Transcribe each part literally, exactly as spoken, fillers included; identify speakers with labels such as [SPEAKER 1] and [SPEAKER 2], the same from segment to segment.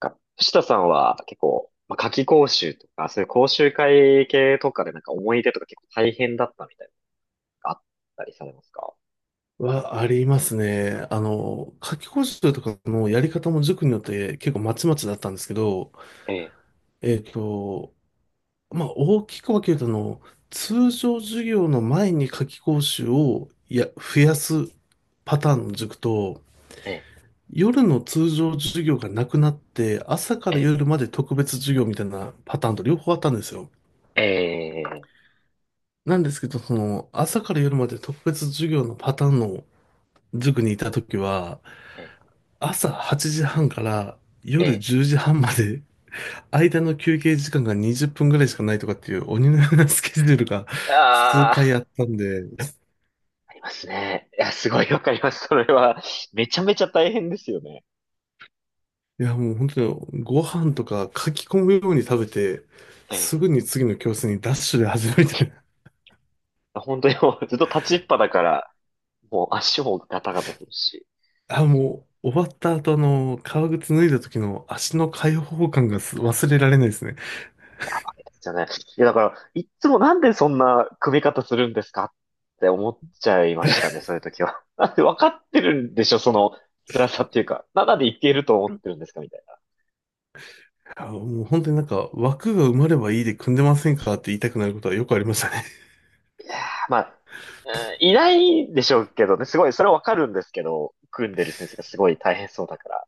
[SPEAKER 1] なんか藤田さんは結構、まあ、夏期講習とか、そういう講習会系とかでなんか思い出とか結構大変だったみたいなのがあったりされますか？
[SPEAKER 2] はありますね。あの、夏期講習とかのやり方も塾によって結構まちまちだったんですけど、
[SPEAKER 1] ええ、
[SPEAKER 2] えっと、まあ、大きく分けると、あの、通常授業の前に夏期講習をや、増やすパターンの塾と、
[SPEAKER 1] ええ、
[SPEAKER 2] 夜の通常授業がなくなって、朝か
[SPEAKER 1] え
[SPEAKER 2] ら
[SPEAKER 1] え、
[SPEAKER 2] 夜まで特別授業みたいなパターンと両方あったんですよ。
[SPEAKER 1] ええ、
[SPEAKER 2] なんですけど、その、朝から夜まで特別授業のパターンの塾にいたときは、
[SPEAKER 1] ええ、
[SPEAKER 2] 朝はちじはんから夜
[SPEAKER 1] え
[SPEAKER 2] じゅうじはんまで、間の休憩時間がにじゅっぷんぐらいしかないとかっていう鬼のようなスケジュールが
[SPEAKER 1] え。
[SPEAKER 2] 数
[SPEAKER 1] あ
[SPEAKER 2] 回
[SPEAKER 1] あ、
[SPEAKER 2] あったんで、
[SPEAKER 1] ありますね。いや、すごいわかります。それは、めちゃめちゃ大変ですよね。
[SPEAKER 2] いやもう本当にご飯とか書き込むように食べて、
[SPEAKER 1] え
[SPEAKER 2] す
[SPEAKER 1] え。
[SPEAKER 2] ぐに次の教室にダッシュで始めて、
[SPEAKER 1] 本当にもうずっと立ちっぱだから、もう足もガタガタするし。
[SPEAKER 2] あ、もう終わった後あの、革靴脱いだ時の足の解放感がす忘れられないですね。
[SPEAKER 1] やばいですよね。いや、だから、いっつもなんでそんな組み方するんですかって思っちゃいましたね、そういう時は。なんで分かってるんでしょ、その辛さっていうか。何でいけると思ってるんですかみたいな。
[SPEAKER 2] あ、もう本当になんか枠が埋まればいいで組んでませんかって言いたくなることはよくありましたね。
[SPEAKER 1] いやーまあ、うんいないでしょうけどね、すごい、それは分かるんですけど、組んでる先生がすごい大変そうだから。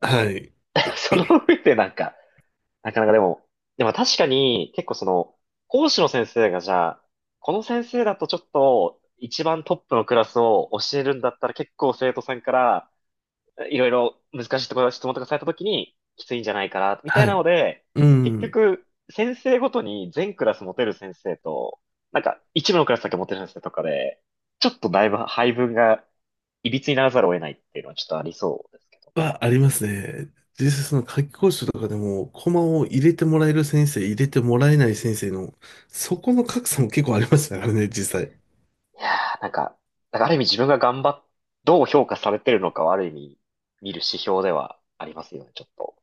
[SPEAKER 2] はい。
[SPEAKER 1] その上でなんか、なかなかでも、でも確かに結構その、講師の先生がじゃあ、この先生だとちょっと一番トップのクラスを教えるんだったら結構生徒さんからいろいろ難しいところ質問とかされた時にきついんじゃないかな、みたい
[SPEAKER 2] は
[SPEAKER 1] な
[SPEAKER 2] い。
[SPEAKER 1] ので、
[SPEAKER 2] う
[SPEAKER 1] 結
[SPEAKER 2] ん。
[SPEAKER 1] 局先生ごとに全クラス持てる先生と、なんか一部のクラスだけ持てる先生とかで、ちょっとだいぶ配分がいびつにならざるを得ないっていうのはちょっとありそうですけどね。
[SPEAKER 2] はありますね。実際その夏期講習とかでも、コマを入れてもらえる先生、入れてもらえない先生の、そこの格差も結構ありましたからね、実際。
[SPEAKER 1] いやー、なんか、なんかある意味自分が頑張っ、どう評価されてるのかはある意味見る指標ではありますよね、ちょっと。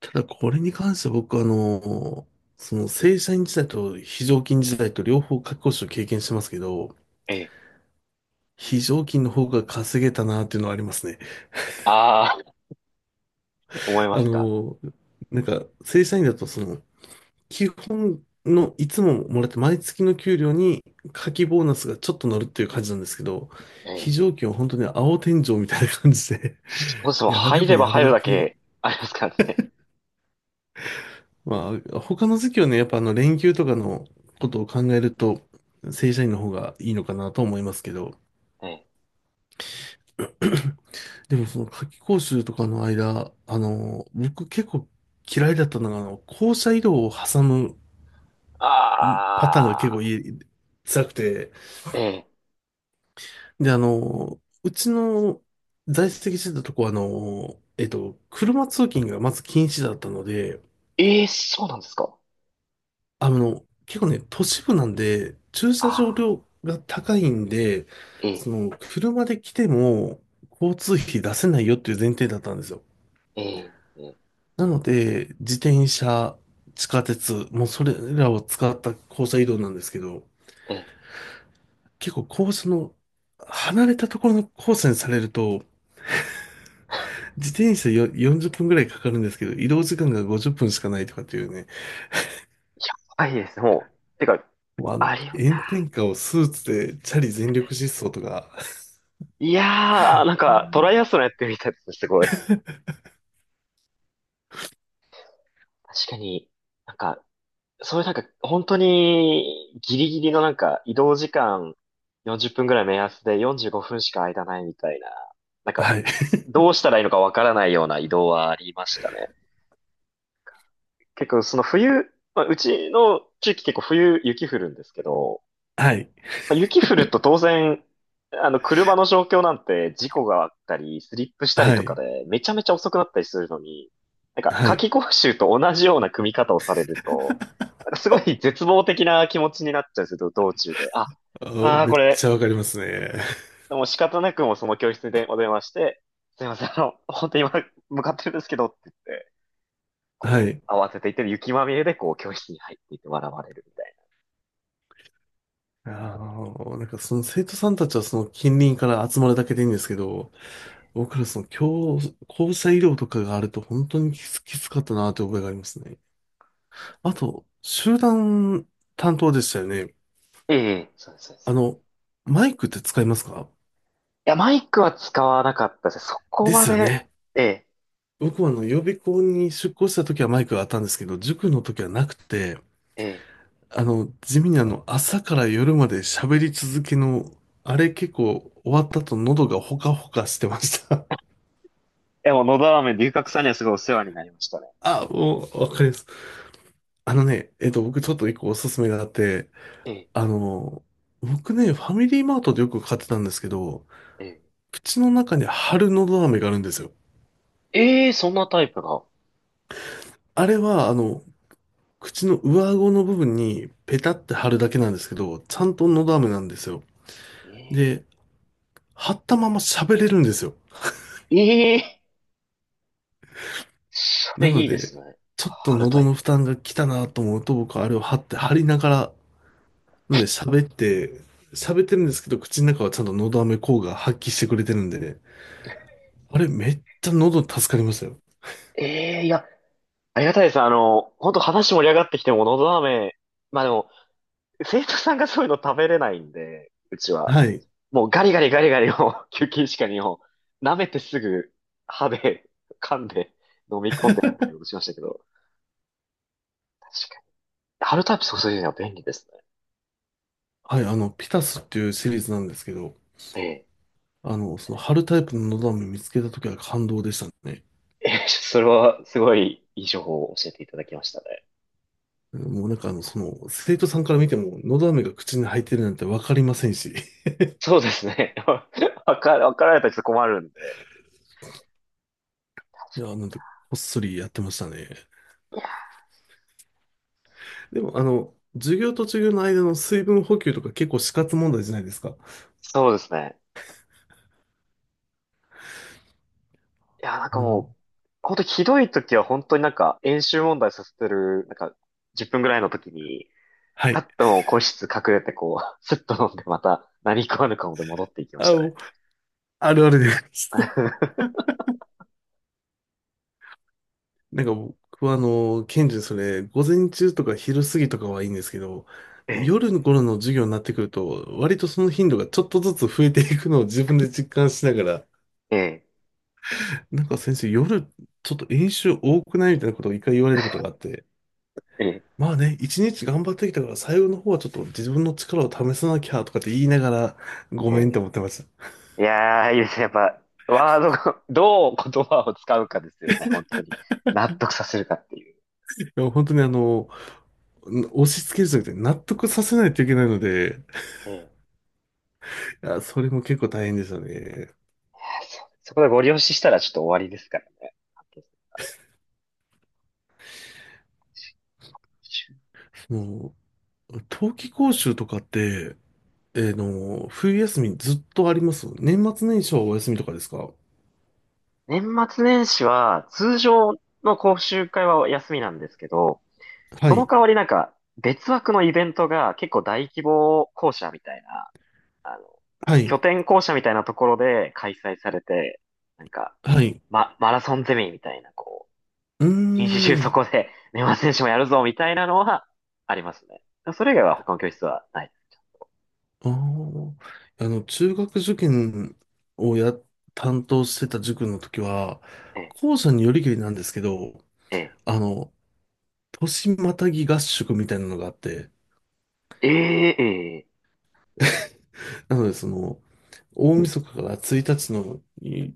[SPEAKER 2] ただこれに関しては僕はあの、その正社員時代と非常勤時代と両方夏期講習を経験してますけど、
[SPEAKER 1] ええ。
[SPEAKER 2] 非常勤の方が稼げたなっていうのはありますね。
[SPEAKER 1] ああ、思いま
[SPEAKER 2] あ
[SPEAKER 1] すか。
[SPEAKER 2] の、なんか正社員だとその、基本のいつももらって毎月の給料に夏季ボーナスがちょっと乗るっていう感じなんですけど、
[SPEAKER 1] ええ。
[SPEAKER 2] 非常勤は本当に青天井みたいな感じで
[SPEAKER 1] そうですね もん
[SPEAKER 2] やれ
[SPEAKER 1] 入
[SPEAKER 2] ば
[SPEAKER 1] れば
[SPEAKER 2] やる
[SPEAKER 1] 入る
[SPEAKER 2] だ
[SPEAKER 1] だ
[SPEAKER 2] け。
[SPEAKER 1] けありますからね。
[SPEAKER 2] まあ、他の時期はね、やっぱあの連休とかのことを考えると、正社員の方がいいのかなと思いますけど、
[SPEAKER 1] ええ。
[SPEAKER 2] でもその夏季講習とかの間、あの、僕結構嫌いだったのが、あの、校舎移動を挟む
[SPEAKER 1] あ
[SPEAKER 2] パターンが結構い
[SPEAKER 1] あ、
[SPEAKER 2] い辛くて、
[SPEAKER 1] ええ。
[SPEAKER 2] で、あの、うちの在籍してたとこは、あの、えっと、車通勤がまず禁止だったので、
[SPEAKER 1] ええ、そうなんですか。
[SPEAKER 2] あの、結構ね、都市部なんで、駐車
[SPEAKER 1] あ
[SPEAKER 2] 場
[SPEAKER 1] あ、
[SPEAKER 2] 料が高いんで、
[SPEAKER 1] ええ、
[SPEAKER 2] その、車で来ても、交通費出せないよっていう前提だったんですよ。
[SPEAKER 1] ええ、ええ、
[SPEAKER 2] なので、自転車、地下鉄、もうそれらを使った校舎移動なんですけど、
[SPEAKER 1] ええ。
[SPEAKER 2] 結構校舎の、離れたところのコースにされると、自転車よよんじゅっぷんぐらいかかるんですけど、移動時間がごじゅっぷんしかないとかっていうね、
[SPEAKER 1] やばいですね、もう。てか、
[SPEAKER 2] もうあの、
[SPEAKER 1] あれよ、いや
[SPEAKER 2] 炎天下をスーツでチャリ全力疾走とか、
[SPEAKER 1] ー、いやー、なんかトライアスロンやってみたいですね、すごい。確かに、なんか、そういうなんか、本当にギリギリのなんか移動時間よんじゅっぷんぐらい目安でよんじゅうごふんしか間ないみたいな、なんか、
[SPEAKER 2] はい、
[SPEAKER 1] どうしたらいいのかわからないような移動はありましたね。結構その冬、まあ、うちの地域結構冬雪降るんですけど、
[SPEAKER 2] はい、
[SPEAKER 1] まあ雪降ると当然、あの、車の状況なんて事故があったり、スリップしたり
[SPEAKER 2] は
[SPEAKER 1] とか
[SPEAKER 2] い、
[SPEAKER 1] で、めちゃめちゃ遅くなったりするのに、なんか、
[SPEAKER 2] は
[SPEAKER 1] 夏
[SPEAKER 2] い。
[SPEAKER 1] 期講習と同じような組み方をされると、なんかすごい絶望的な気持ちになっちゃうんですよ、道中で。あ、
[SPEAKER 2] あー
[SPEAKER 1] ああ、
[SPEAKER 2] めっ
[SPEAKER 1] こ
[SPEAKER 2] ち
[SPEAKER 1] れ、
[SPEAKER 2] ゃわかりますね。
[SPEAKER 1] もう仕方なくもうその教室でお電話して、すいません、あの、本当に今、向かってるんですけどって言って、
[SPEAKER 2] は
[SPEAKER 1] こ
[SPEAKER 2] い。
[SPEAKER 1] う、慌てていってる雪まみれで、こう、教室に入っていって笑われるみたい
[SPEAKER 2] あの、なんかその生徒さんたちはその近隣から集まるだけでいいんですけど、僕らその教、校舎医療とかがあると本当にきつ、きつかったなという覚えがありますね。あと、集団担当でしたよね。
[SPEAKER 1] な。ええ、そうです、そうで
[SPEAKER 2] あ
[SPEAKER 1] す。
[SPEAKER 2] の、マイクって使いますか？
[SPEAKER 1] や、マイクは使わなかったです。そこ
[SPEAKER 2] で
[SPEAKER 1] ま
[SPEAKER 2] すよ
[SPEAKER 1] で、
[SPEAKER 2] ね。
[SPEAKER 1] ええ、
[SPEAKER 2] 僕はあの、予備校に出向した時はマイクがあったんですけど、塾の時はなくて、
[SPEAKER 1] ええ、
[SPEAKER 2] あの、地味にあの、朝から夜まで喋り続けの、あれ結構終わった後喉がほかほかしてました。
[SPEAKER 1] でも、のど飴、龍角さんにはすごいお世話になりましたね。
[SPEAKER 2] あ、もう、わかります。あのね、えっと、僕ちょっと一個おすすめがあって、
[SPEAKER 1] ええ、
[SPEAKER 2] あの、僕ね、ファミリーマートでよく買ってたんですけど、
[SPEAKER 1] え
[SPEAKER 2] 口の中に貼るのど飴があるんですよ。
[SPEAKER 1] え、ええそんなタイプが。
[SPEAKER 2] あれは、あの、口の上顎の部分にペタって貼るだけなんですけど、ちゃんと
[SPEAKER 1] え
[SPEAKER 2] の
[SPEAKER 1] え、
[SPEAKER 2] ど飴なんですよ。
[SPEAKER 1] え
[SPEAKER 2] で、貼ったまま喋れるんですよ。
[SPEAKER 1] え、ええそ
[SPEAKER 2] な
[SPEAKER 1] れい
[SPEAKER 2] の
[SPEAKER 1] いで
[SPEAKER 2] で、
[SPEAKER 1] すね。
[SPEAKER 2] ちょっと
[SPEAKER 1] 春タ
[SPEAKER 2] 喉
[SPEAKER 1] イ
[SPEAKER 2] の負
[SPEAKER 1] プ。
[SPEAKER 2] 担が来たなと思うと、僕はあれを貼って貼りながら、なんで喋って、喋ってるんですけど、口の中はちゃんとのど飴効果発揮してくれてるんでね、あれめっちゃ喉助かりましたよ。
[SPEAKER 1] ええ、いや、ありがたいです。あの、本当話盛り上がってきても、のど飴、まあでも、生徒さんがそういうの食べれないんで、うちは。
[SPEAKER 2] はい。
[SPEAKER 1] もうガリガリガリガリを、休憩時間にを、舐めてすぐ、歯で、噛んで、飲み込んでみたいにことしましたけど。確かに。春タイプ注いでるのは便利ですね。
[SPEAKER 2] はい、あの、ピタスっていうシリーズなんですけど、
[SPEAKER 1] ええ。
[SPEAKER 2] あの、その貼るタイプののど飴見つけた時は感動でしたね。
[SPEAKER 1] ええ、それはすごいいい情報を教えていただきましたね。
[SPEAKER 2] もうなんかあの、その、生徒さんから見ても、喉飴が口に入ってるなんてわかりませんし。
[SPEAKER 1] そうですね。わか、わかられたらちょっと困るんで。
[SPEAKER 2] い
[SPEAKER 1] 確か
[SPEAKER 2] や、なんて、こっそりやってましたね。
[SPEAKER 1] に。いや、
[SPEAKER 2] でも、あの、授業と授業の間の水分補給とか結構死活問題じゃないですか。
[SPEAKER 1] そうですね。いや、なんか
[SPEAKER 2] も
[SPEAKER 1] も
[SPEAKER 2] う、
[SPEAKER 1] う、本当にひどい時は本当になんか演習問題させてる、なんかじゅっぷんぐらいの時に、
[SPEAKER 2] は
[SPEAKER 1] さ
[SPEAKER 2] い。
[SPEAKER 1] っともう個室隠れてこう、スッと飲んでまた何食わぬ顔で戻っていきま
[SPEAKER 2] あ
[SPEAKER 1] し
[SPEAKER 2] の、
[SPEAKER 1] た
[SPEAKER 2] も
[SPEAKER 1] ね。
[SPEAKER 2] うあるあるです。なんか僕はあの、ケンジそれ、午前中とか昼過ぎとかはいいんですけど、
[SPEAKER 1] ええ、
[SPEAKER 2] 夜の頃の授業になってくると、割とその頻度がちょっとずつ増えていくのを自分で実感しながら、
[SPEAKER 1] ええ、
[SPEAKER 2] なんか先生、夜、ちょっと演習多くないみたいなことを一回言われたことがあって、まあね、一日頑張ってきたから、最後の方はちょっと自分の力を試さなきゃとかって言いながら、ご
[SPEAKER 1] ええ、
[SPEAKER 2] めんって
[SPEAKER 1] え
[SPEAKER 2] 思っ
[SPEAKER 1] え。
[SPEAKER 2] てました。い
[SPEAKER 1] いやー、いいですね。やっぱ、ワードが、どう言葉を使うかですよね。本当に。納得させるかっていう。
[SPEAKER 2] や、本当にあの、押し付けるじゃなくて、納得させないといけないので、
[SPEAKER 1] ええ。
[SPEAKER 2] いや、それも結構大変でしたね。
[SPEAKER 1] そ、そこでご利用ししたらちょっと終わりですからね。
[SPEAKER 2] もう、冬季講習とかって、えーの、冬休みずっとあります年末年始はお休みとかですか？
[SPEAKER 1] 年末年始は、通常の講習会は休みなんですけど、
[SPEAKER 2] は
[SPEAKER 1] その
[SPEAKER 2] い。
[SPEAKER 1] 代わりなんか、別枠のイベントが結構大規模校舎みたいな、あの、
[SPEAKER 2] はい。
[SPEAKER 1] 拠点校舎みたいなところで開催されて、なんか、
[SPEAKER 2] はい。
[SPEAKER 1] ま、マラソンゼミみたいな、こ
[SPEAKER 2] うー
[SPEAKER 1] う、一日中そ
[SPEAKER 2] ん。
[SPEAKER 1] こで年末年始もやるぞ、みたいなのはありますね。それ以外は他の教室はない。
[SPEAKER 2] ああ、あの、中学受験をや、担当してた塾の時は、
[SPEAKER 1] ええ、
[SPEAKER 2] 校舎によりけりなんですけど、
[SPEAKER 1] ええ、
[SPEAKER 2] あの、年またぎ合宿みたいなのがあって、
[SPEAKER 1] ええ、
[SPEAKER 2] なので、その、大晦日からついたちのい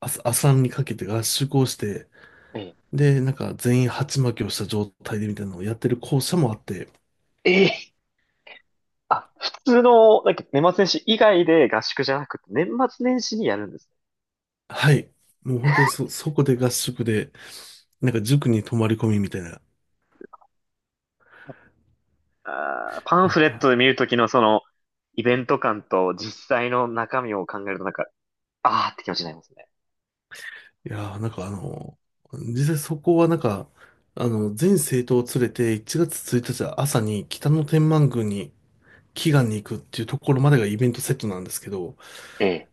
[SPEAKER 2] 朝、朝にかけて合宿をして、
[SPEAKER 1] ええ、
[SPEAKER 2] で、なんか全員鉢巻きをした状態でみたいなのをやってる校舎もあって、
[SPEAKER 1] ええ、あ、普通の、なんか年末年始以外で合宿じゃなくて、年末年始にやるんですね。
[SPEAKER 2] はい。もう本当にそ、そこで合宿で、なんか塾に泊まり込みみたいな。
[SPEAKER 1] あー、パン
[SPEAKER 2] い
[SPEAKER 1] フレット
[SPEAKER 2] や
[SPEAKER 1] で見るときのその、イベント感と実際の中身を考えるとなんか、あーって気持ちになりますね。
[SPEAKER 2] いやー、なんかあの、実際そこはなんか、あの、全政党を連れていちがつついたち朝に北の天満宮に祈願に行くっていうところまでがイベントセットなんですけど、
[SPEAKER 1] ええ、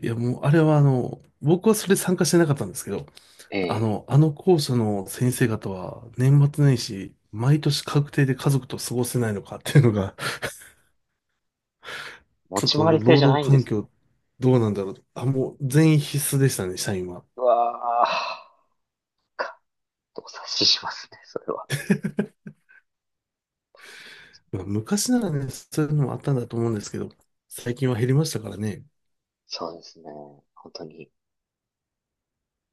[SPEAKER 2] いやもうあれはあの、僕はそれ参加してなかったんですけど、
[SPEAKER 1] え
[SPEAKER 2] あ
[SPEAKER 1] え、
[SPEAKER 2] の、あの校舎の先生方は年末年始、毎年確定で家族と過ごせないのかっていうのが、
[SPEAKER 1] 持
[SPEAKER 2] ちょっ
[SPEAKER 1] ち
[SPEAKER 2] と
[SPEAKER 1] 回り制
[SPEAKER 2] 労
[SPEAKER 1] じゃ
[SPEAKER 2] 働
[SPEAKER 1] ないんで
[SPEAKER 2] 環
[SPEAKER 1] すね。
[SPEAKER 2] 境どうなんだろう。あ、もう全員必須でしたね、社員は。
[SPEAKER 1] うわー、か、動察ししますね、それは。
[SPEAKER 2] まあ昔ならね、そういうのもあったんだと思うんですけど、最近は減りましたからね。
[SPEAKER 1] そうですね。本当に。